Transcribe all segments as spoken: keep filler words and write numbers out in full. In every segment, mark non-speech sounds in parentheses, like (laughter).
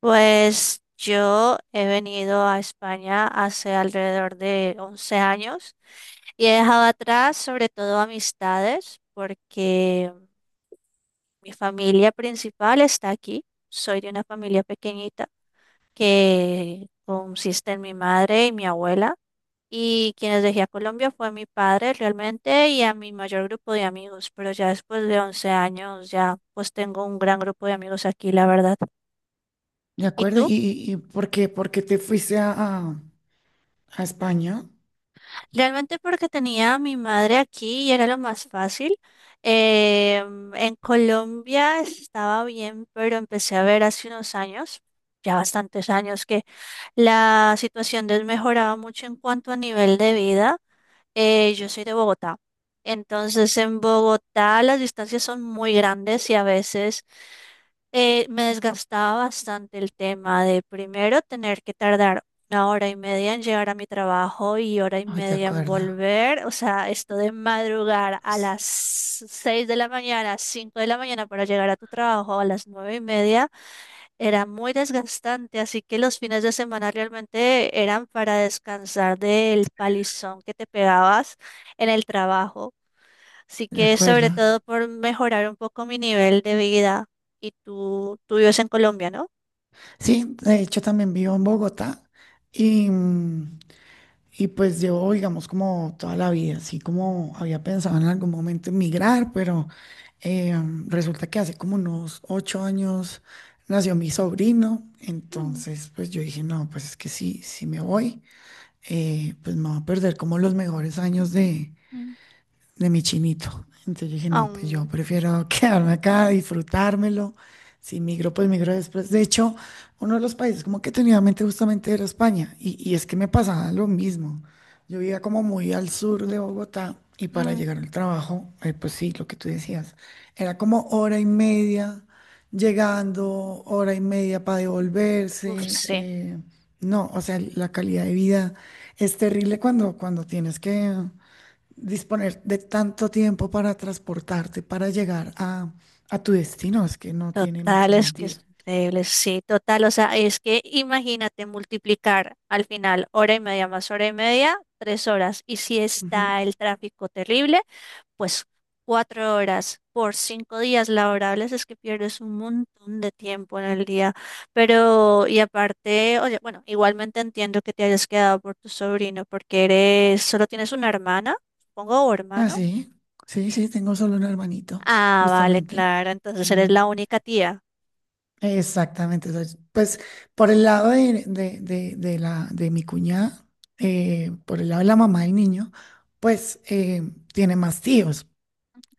Pues yo he venido a España hace alrededor de once años y he dejado atrás sobre todo amistades porque mi familia principal está aquí. Soy de una familia pequeñita que consiste en mi madre y mi abuela y quienes dejé a Colombia fue mi padre realmente y a mi mayor grupo de amigos, pero ya después de once años ya pues tengo un gran grupo de amigos aquí, la verdad. De ¿Y acuerdo. ¿Y, tú? y, y por qué, por qué te fuiste a, a- a España? Realmente porque tenía a mi madre aquí y era lo más fácil. Em, en Colombia estaba bien, pero empecé a ver hace unos años, ya bastantes años, que la situación desmejoraba mucho en cuanto a nivel de vida. Eh, yo soy de Bogotá. Entonces, en Bogotá las distancias son muy grandes y a veces eh, me desgastaba bastante el tema de primero tener que tardar una hora y media en llegar a mi trabajo y hora y Ay, de media en acuerdo. volver. O sea, esto de madrugar a Pues, las seis de la mañana, cinco de la mañana para llegar a tu trabajo a las nueve y media. Era muy desgastante, así que los fines de semana realmente eran para descansar del palizón que te pegabas en el trabajo. Así de que acuerdo. sobre todo por mejorar un poco mi nivel de vida. Y tú, tú vives en Colombia, ¿no? Sí, de hecho también vivo en Bogotá y, mm, y pues llevo, digamos, como toda la vida, así como había pensado en algún momento emigrar, pero eh, resulta que hace como unos ocho años nació mi sobrino. Mm, Entonces pues yo dije, no, pues es que sí, si me voy, eh, pues me voy a perder como los mejores años mm. de mi chinito. Entonces yo dije, no, pues yo Aún. prefiero (laughs) quedarme acá, disfrutármelo. Si Mm. migro, pues migro después. De hecho, uno de los países como que tenía en mente justamente era España. Y, y es que me pasaba lo mismo. Yo vivía como muy al sur de Bogotá y para Mm. llegar al trabajo, eh, pues sí, lo que tú decías, era como hora y media llegando, hora y media para Uf, devolverse. sí, eh, No, o sea, la calidad de vida es terrible cuando, cuando tienes que disponer de tanto tiempo para transportarte, para llegar a, a tu destino. Es que no tiene mucho total, es que es sentido. increíble, sí, total, o sea, es que imagínate multiplicar al final hora y media más hora y media, tres horas, y si está Ujú. el tráfico terrible. Pues cuatro horas por cinco días laborables es que pierdes un montón de tiempo en el día. Pero, y aparte, oye, bueno, igualmente entiendo que te hayas quedado por tu sobrino porque eres, solo tienes una hermana, supongo, o Ah, hermano. sí, sí, sí, tengo solo un hermanito, Ah, vale, justamente. claro, entonces eres Mm. la única tía. Exactamente. Entonces, pues por el lado de, de- de- de la, de mi cuñada, eh, por el lado de la mamá del niño, pues eh, tiene más tíos.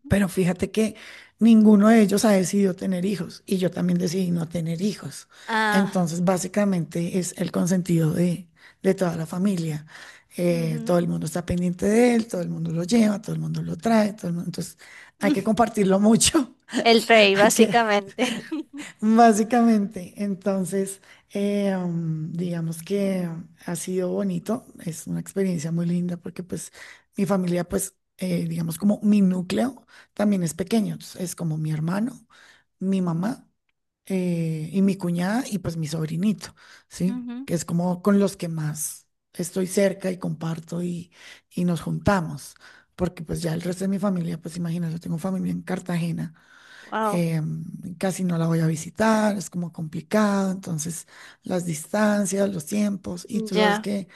Pero fíjate que ninguno de ellos ha decidido tener hijos, y yo también decidí no tener hijos. Ah, Entonces, básicamente es el consentido de, de toda la familia. Eh, ujú, todo el mundo está pendiente de él, todo el mundo lo lleva, todo el mundo lo trae. todo el mundo- Entonces, hay que (laughs) compartirlo mucho. el (laughs) rey, hay que, básicamente. (laughs) Básicamente, entonces, eh, mm, digamos que ha sido bonito. Es una experiencia muy linda porque pues mi familia, pues, eh, digamos, como mi núcleo también es pequeño, es es como mi hermano, mi mamá, eh, y mi cuñada, y pues mi sobrinito, ¿sí? Que es como con los que más estoy cerca y comparto, y, y nos juntamos, porque pues ya el resto de mi familia, pues imagínate, yo tengo familia en Cartagena. Wow, eh, Casi no la voy a visitar, es como complicado, entonces las distancias, los tiempos, y tú sabes ya, que,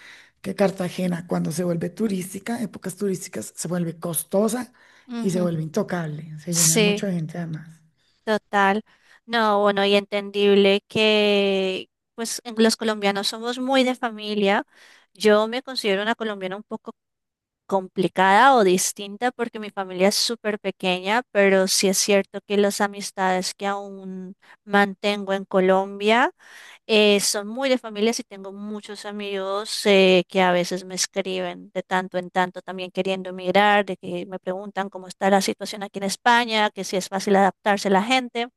que Cartagena cuando se vuelve turística, épocas turísticas, se vuelve costosa y se ujú. vuelve intocable, se llena de Sí. mucha gente además. Total, no, bueno, y entendible que pues en- los colombianos somos muy de familia. Yo me considero una colombiana un poco complicada o distinta porque mi familia es súper pequeña, pero sí es cierto que las amistades que aún mantengo en Colombia eh, son muy de familia y tengo muchos amigos eh, que a veces me escriben de tanto en tanto también queriendo emigrar, de que me preguntan cómo está la situación aquí en España, que si es fácil adaptarse la gente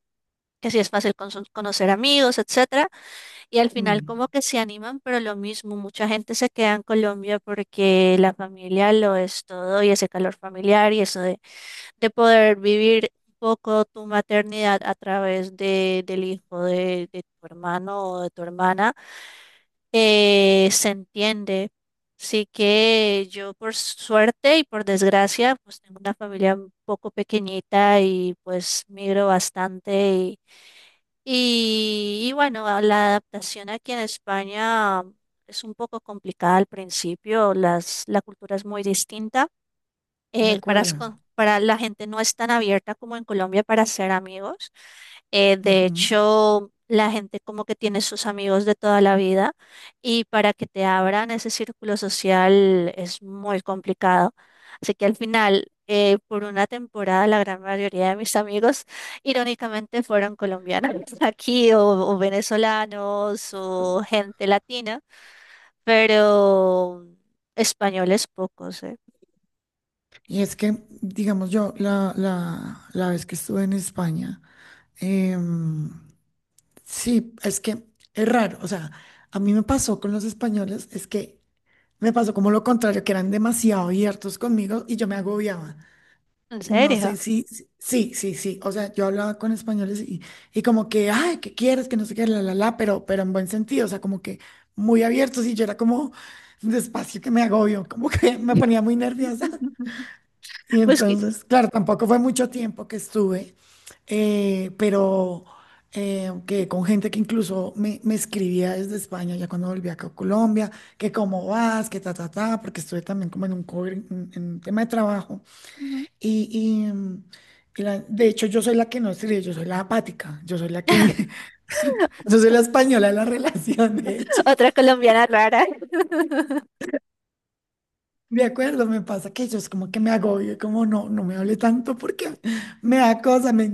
que sí es fácil con- conocer amigos, etcétera, y al final Mm, como que se animan, pero lo mismo, mucha gente se queda en Colombia porque la familia lo es todo y ese calor familiar y eso de, de poder vivir un poco tu maternidad a través de, del hijo de, de tu hermano o de tu hermana, eh, se entiende. Así que yo por suerte y por desgracia, pues tengo una familia un poco pequeñita y pues migro bastante y, y bueno, a la adaptación aquí en España es un poco complicada al principio, las, la cultura es muy distinta de eh, para, las acuerdo. co- para la gente no es tan abierta como en Colombia para ser amigos. Eh, de Ujú. hecho, la gente como que tiene sus amigos de toda la vida y para que te abran ese círculo social es muy complicado. Así que al final, eh, por una temporada, la gran mayoría de mis amigos, irónicamente, fueron colombianos (laughs) aquí o, o venezolanos o gente latina, pero españoles pocos, ¿eh? Y es que, digamos yo, la, la, la vez que estuve en España, em, sí, es que es raro. O sea, a mí me pasó con los españoles, es que me pasó como lo contrario, que eran demasiado abiertos conmigo y yo me agobiaba. ¿En No serio? sé si, si- sí, sí, sí. O sea, yo hablaba con españoles, y, y como que, ay, ¿qué quieres? Que no sé qué, la, la, la, pero, pero en buen sentido. O sea, como que muy abiertos, y yo era como, despacio que me agobio, como que (laughs) me ponía muy nerviosa. (laughs) Y Pues que entonces, claro, tampoco fue mucho tiempo que estuve, eh, pero eh, que con gente que incluso me, me escribía desde España, ya cuando volví acá a Colombia, que cómo vas, que ta, ta, ta, porque estuve también como en un, cover en, en un tema de trabajo. ujú, Y, y, mm, y la- de hecho, yo soy la que no escribe, yo soy la apática, yo soy la que, (laughs) yo soy la española de la relación, de hecho. otra colombiana rara. (laughs) De acuerdo, me pasa que yo, es como que me agobio, como no, no me hable tanto porque me da cosa, me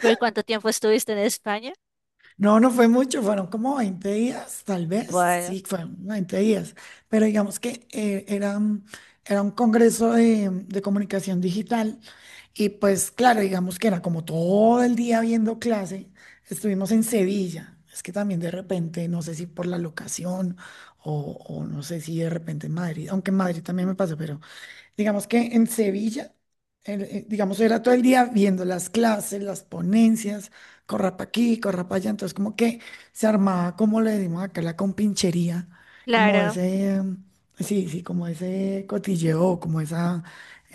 ¿Por cuánto tiempo estuviste en España? No, no fue mucho, fueron como veinte días, tal vez, Bueno, sí, fueron veinte días, pero digamos que eh, era, un- era un congreso de, de comunicación digital. Y pues claro, digamos que era como todo el día viendo clase, estuvimos en Sevilla. Es que también de repente, no sé si por la locación o, o no sé si de repente en Madrid, aunque en Madrid también me pasó, pero digamos que en Sevilla, el- eh, digamos, era todo el día viendo las clases, las ponencias, corra para aquí, corra para allá. Entonces, como que se armaba, como le decimos acá, la compinchería, como claro. ese, em, sí, sí, como ese cotilleo, como esa,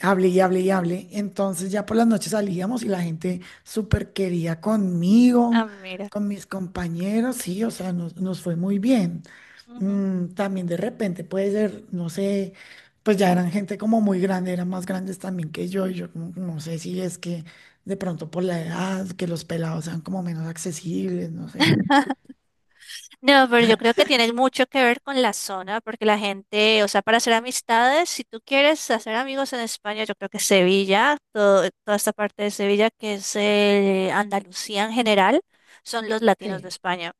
hable y hable y hable. Entonces, ya por las noches salíamos y la gente súper quería Ah, conmigo, mira. con mis compañeros, sí, o sea, nos, nos fue muy bien. Ujú. Mm, también de repente puede ser, no sé, pues ya eran gente como muy grande, eran más grandes también que yo, y yo como que no sé si es que de pronto por la edad, que los pelados sean como menos accesibles, no sé. (laughs) No, pero yo creo que tiene mucho que ver con la zona, porque la gente, o sea, para hacer amistades, si tú quieres hacer amigos en España, yo creo que Sevilla, todo- toda esta parte de Sevilla que es eh, Andalucía en general, son los latinos de Sí. España.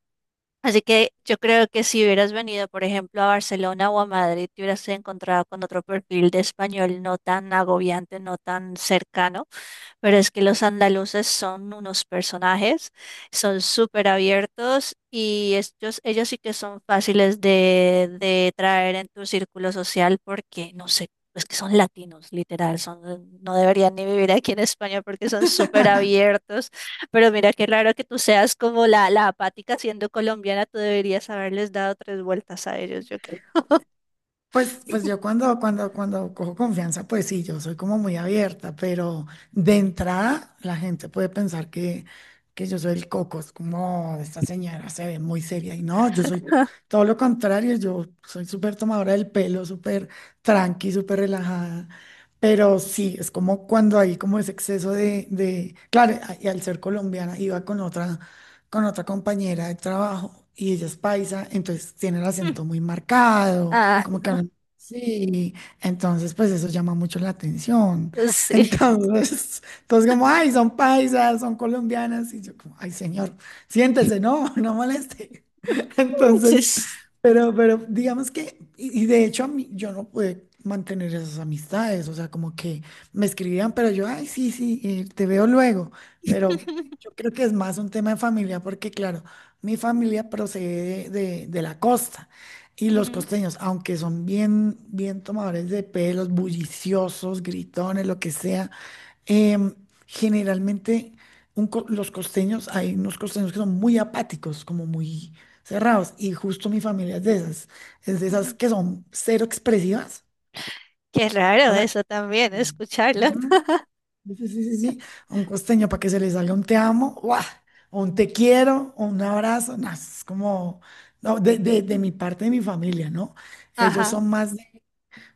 Así que yo creo que si hubieras venido, por ejemplo, a Barcelona o a Madrid, te hubieras encontrado con otro perfil de español no tan agobiante, no tan cercano. Pero es que los andaluces son unos personajes, son súper abiertos y ellos, ellos sí que son fáciles de, de traer en tu círculo social porque, no sé, es que son latinos, literal, son, no deberían ni vivir aquí en España porque son súper abiertos. Pero mira, qué raro que tú seas como la, la apática siendo colombiana, tú deberías haberles dado tres vueltas a ellos, yo creo. Pues, pues yo cuando, cuando, cuando cojo confianza, pues sí, yo soy como muy abierta, pero de entrada la gente puede pensar que, que yo soy el coco. Es como, esta señora se ve muy seria, y no, yo soy todo lo contrario, yo soy súper tomadora del pelo, súper tranqui, súper relajada, pero sí, es como cuando hay como ese exceso de, de, claro, y al ser colombiana iba con otra con otra compañera de trabajo, y ella es paisa, entonces tiene el acento (laughs) muy marcado, Ah, como que hablan, sí, entonces pues eso llama mucho la atención. (laughs) (laughs) sí, Entonces, entonces como, ay, son paisas, son colombianas, y yo como, ay, señor, siéntese, no, (laughs) no moleste. (laughs) (laughs) Entonces, sí. pero, pero digamos que, y, y de hecho a mí, yo no pude mantener esas amistades. O sea, como que me escribían, pero yo, ay, sí, sí, eh, te veo luego, pero yo (laughs) creo que es más un tema de familia, porque claro, mi familia procede de, de- de la costa, y los Ujú, costeños, aunque son bien, bien tomadores de pelos, bulliciosos, gritones, lo que sea. Em, generalmente un co- los costeños, hay unos costeños que son muy apáticos, como muy cerrados, y justo mi familia es de esas, es de esas ujú. que son cero expresivas, Qué raro o sea, eso también, sí. escucharlo. Ujú, (laughs) sí, sí, sí, sí, sí, un costeño para que se le salga un te amo, ¡guau! O un te quiero, o un abrazo, no, es como, no, de, de de mi parte de mi familia, ¿no? Ellos Ajá. son más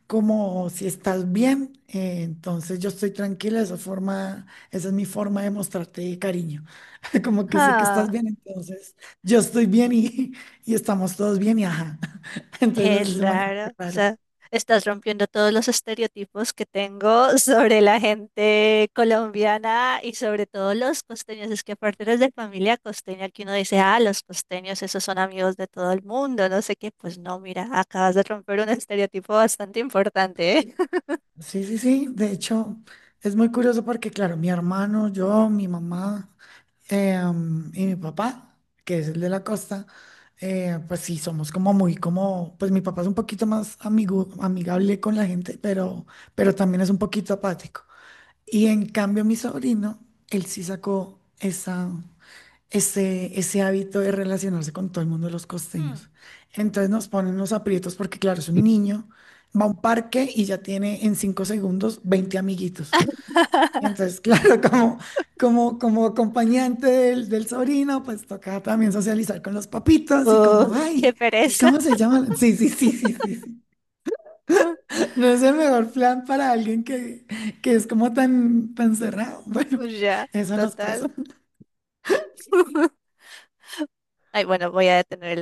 como, si estás bien, eh, entonces yo estoy tranquila, esa forma, esa es mi forma de mostrarte cariño, (laughs) como que sé que estás Ah, bien, entonces yo estoy bien, y, y estamos todos bien, y ajá, (laughs) entonces qué así se maneja, raro. muy O raro. sea, estás rompiendo todos los estereotipos que tengo (laughs) sobre la gente colombiana y sobre todo los costeños. Es que aparte eres de familia costeña, que uno dice, ah, los costeños, esos son amigos de todo el mundo, no sé qué. Pues no, mira, acabas de romper un estereotipo bastante importante, ¿eh? (laughs) Sí, sí, sí, de hecho es muy curioso porque claro, mi hermano, yo, mi mamá. Eh, am, y mi papá, que es el de la costa, eh, pues sí, somos como muy como, pues mi papá es un poquito más amigo, amigable con la gente, pero, pero también es un poquito apático. Y en cambio mi sobrino, él sí sacó esa, ese, ese hábito de relacionarse con todo el mundo de los Hmm. costeños. Entonces nos ponen los aprietos porque claro, es un niño, va a un parque y ya tiene en cinco segundos veinte amiguitos. Y (laughs) entonces, (laughs) claro, como, como, como acompañante del, del sobrino, pues toca también socializar con los papitos, y Uh, como, qué ay, ¿y pereza. cómo se llama? Sí, sí, sí, sí, sí, sí. (laughs) No es el mejor plan para alguien que, que es como tan, tan cerrado. (laughs) Bueno, Ya, eso nos total. pasa. (laughs) Ay, bueno, voy a detener el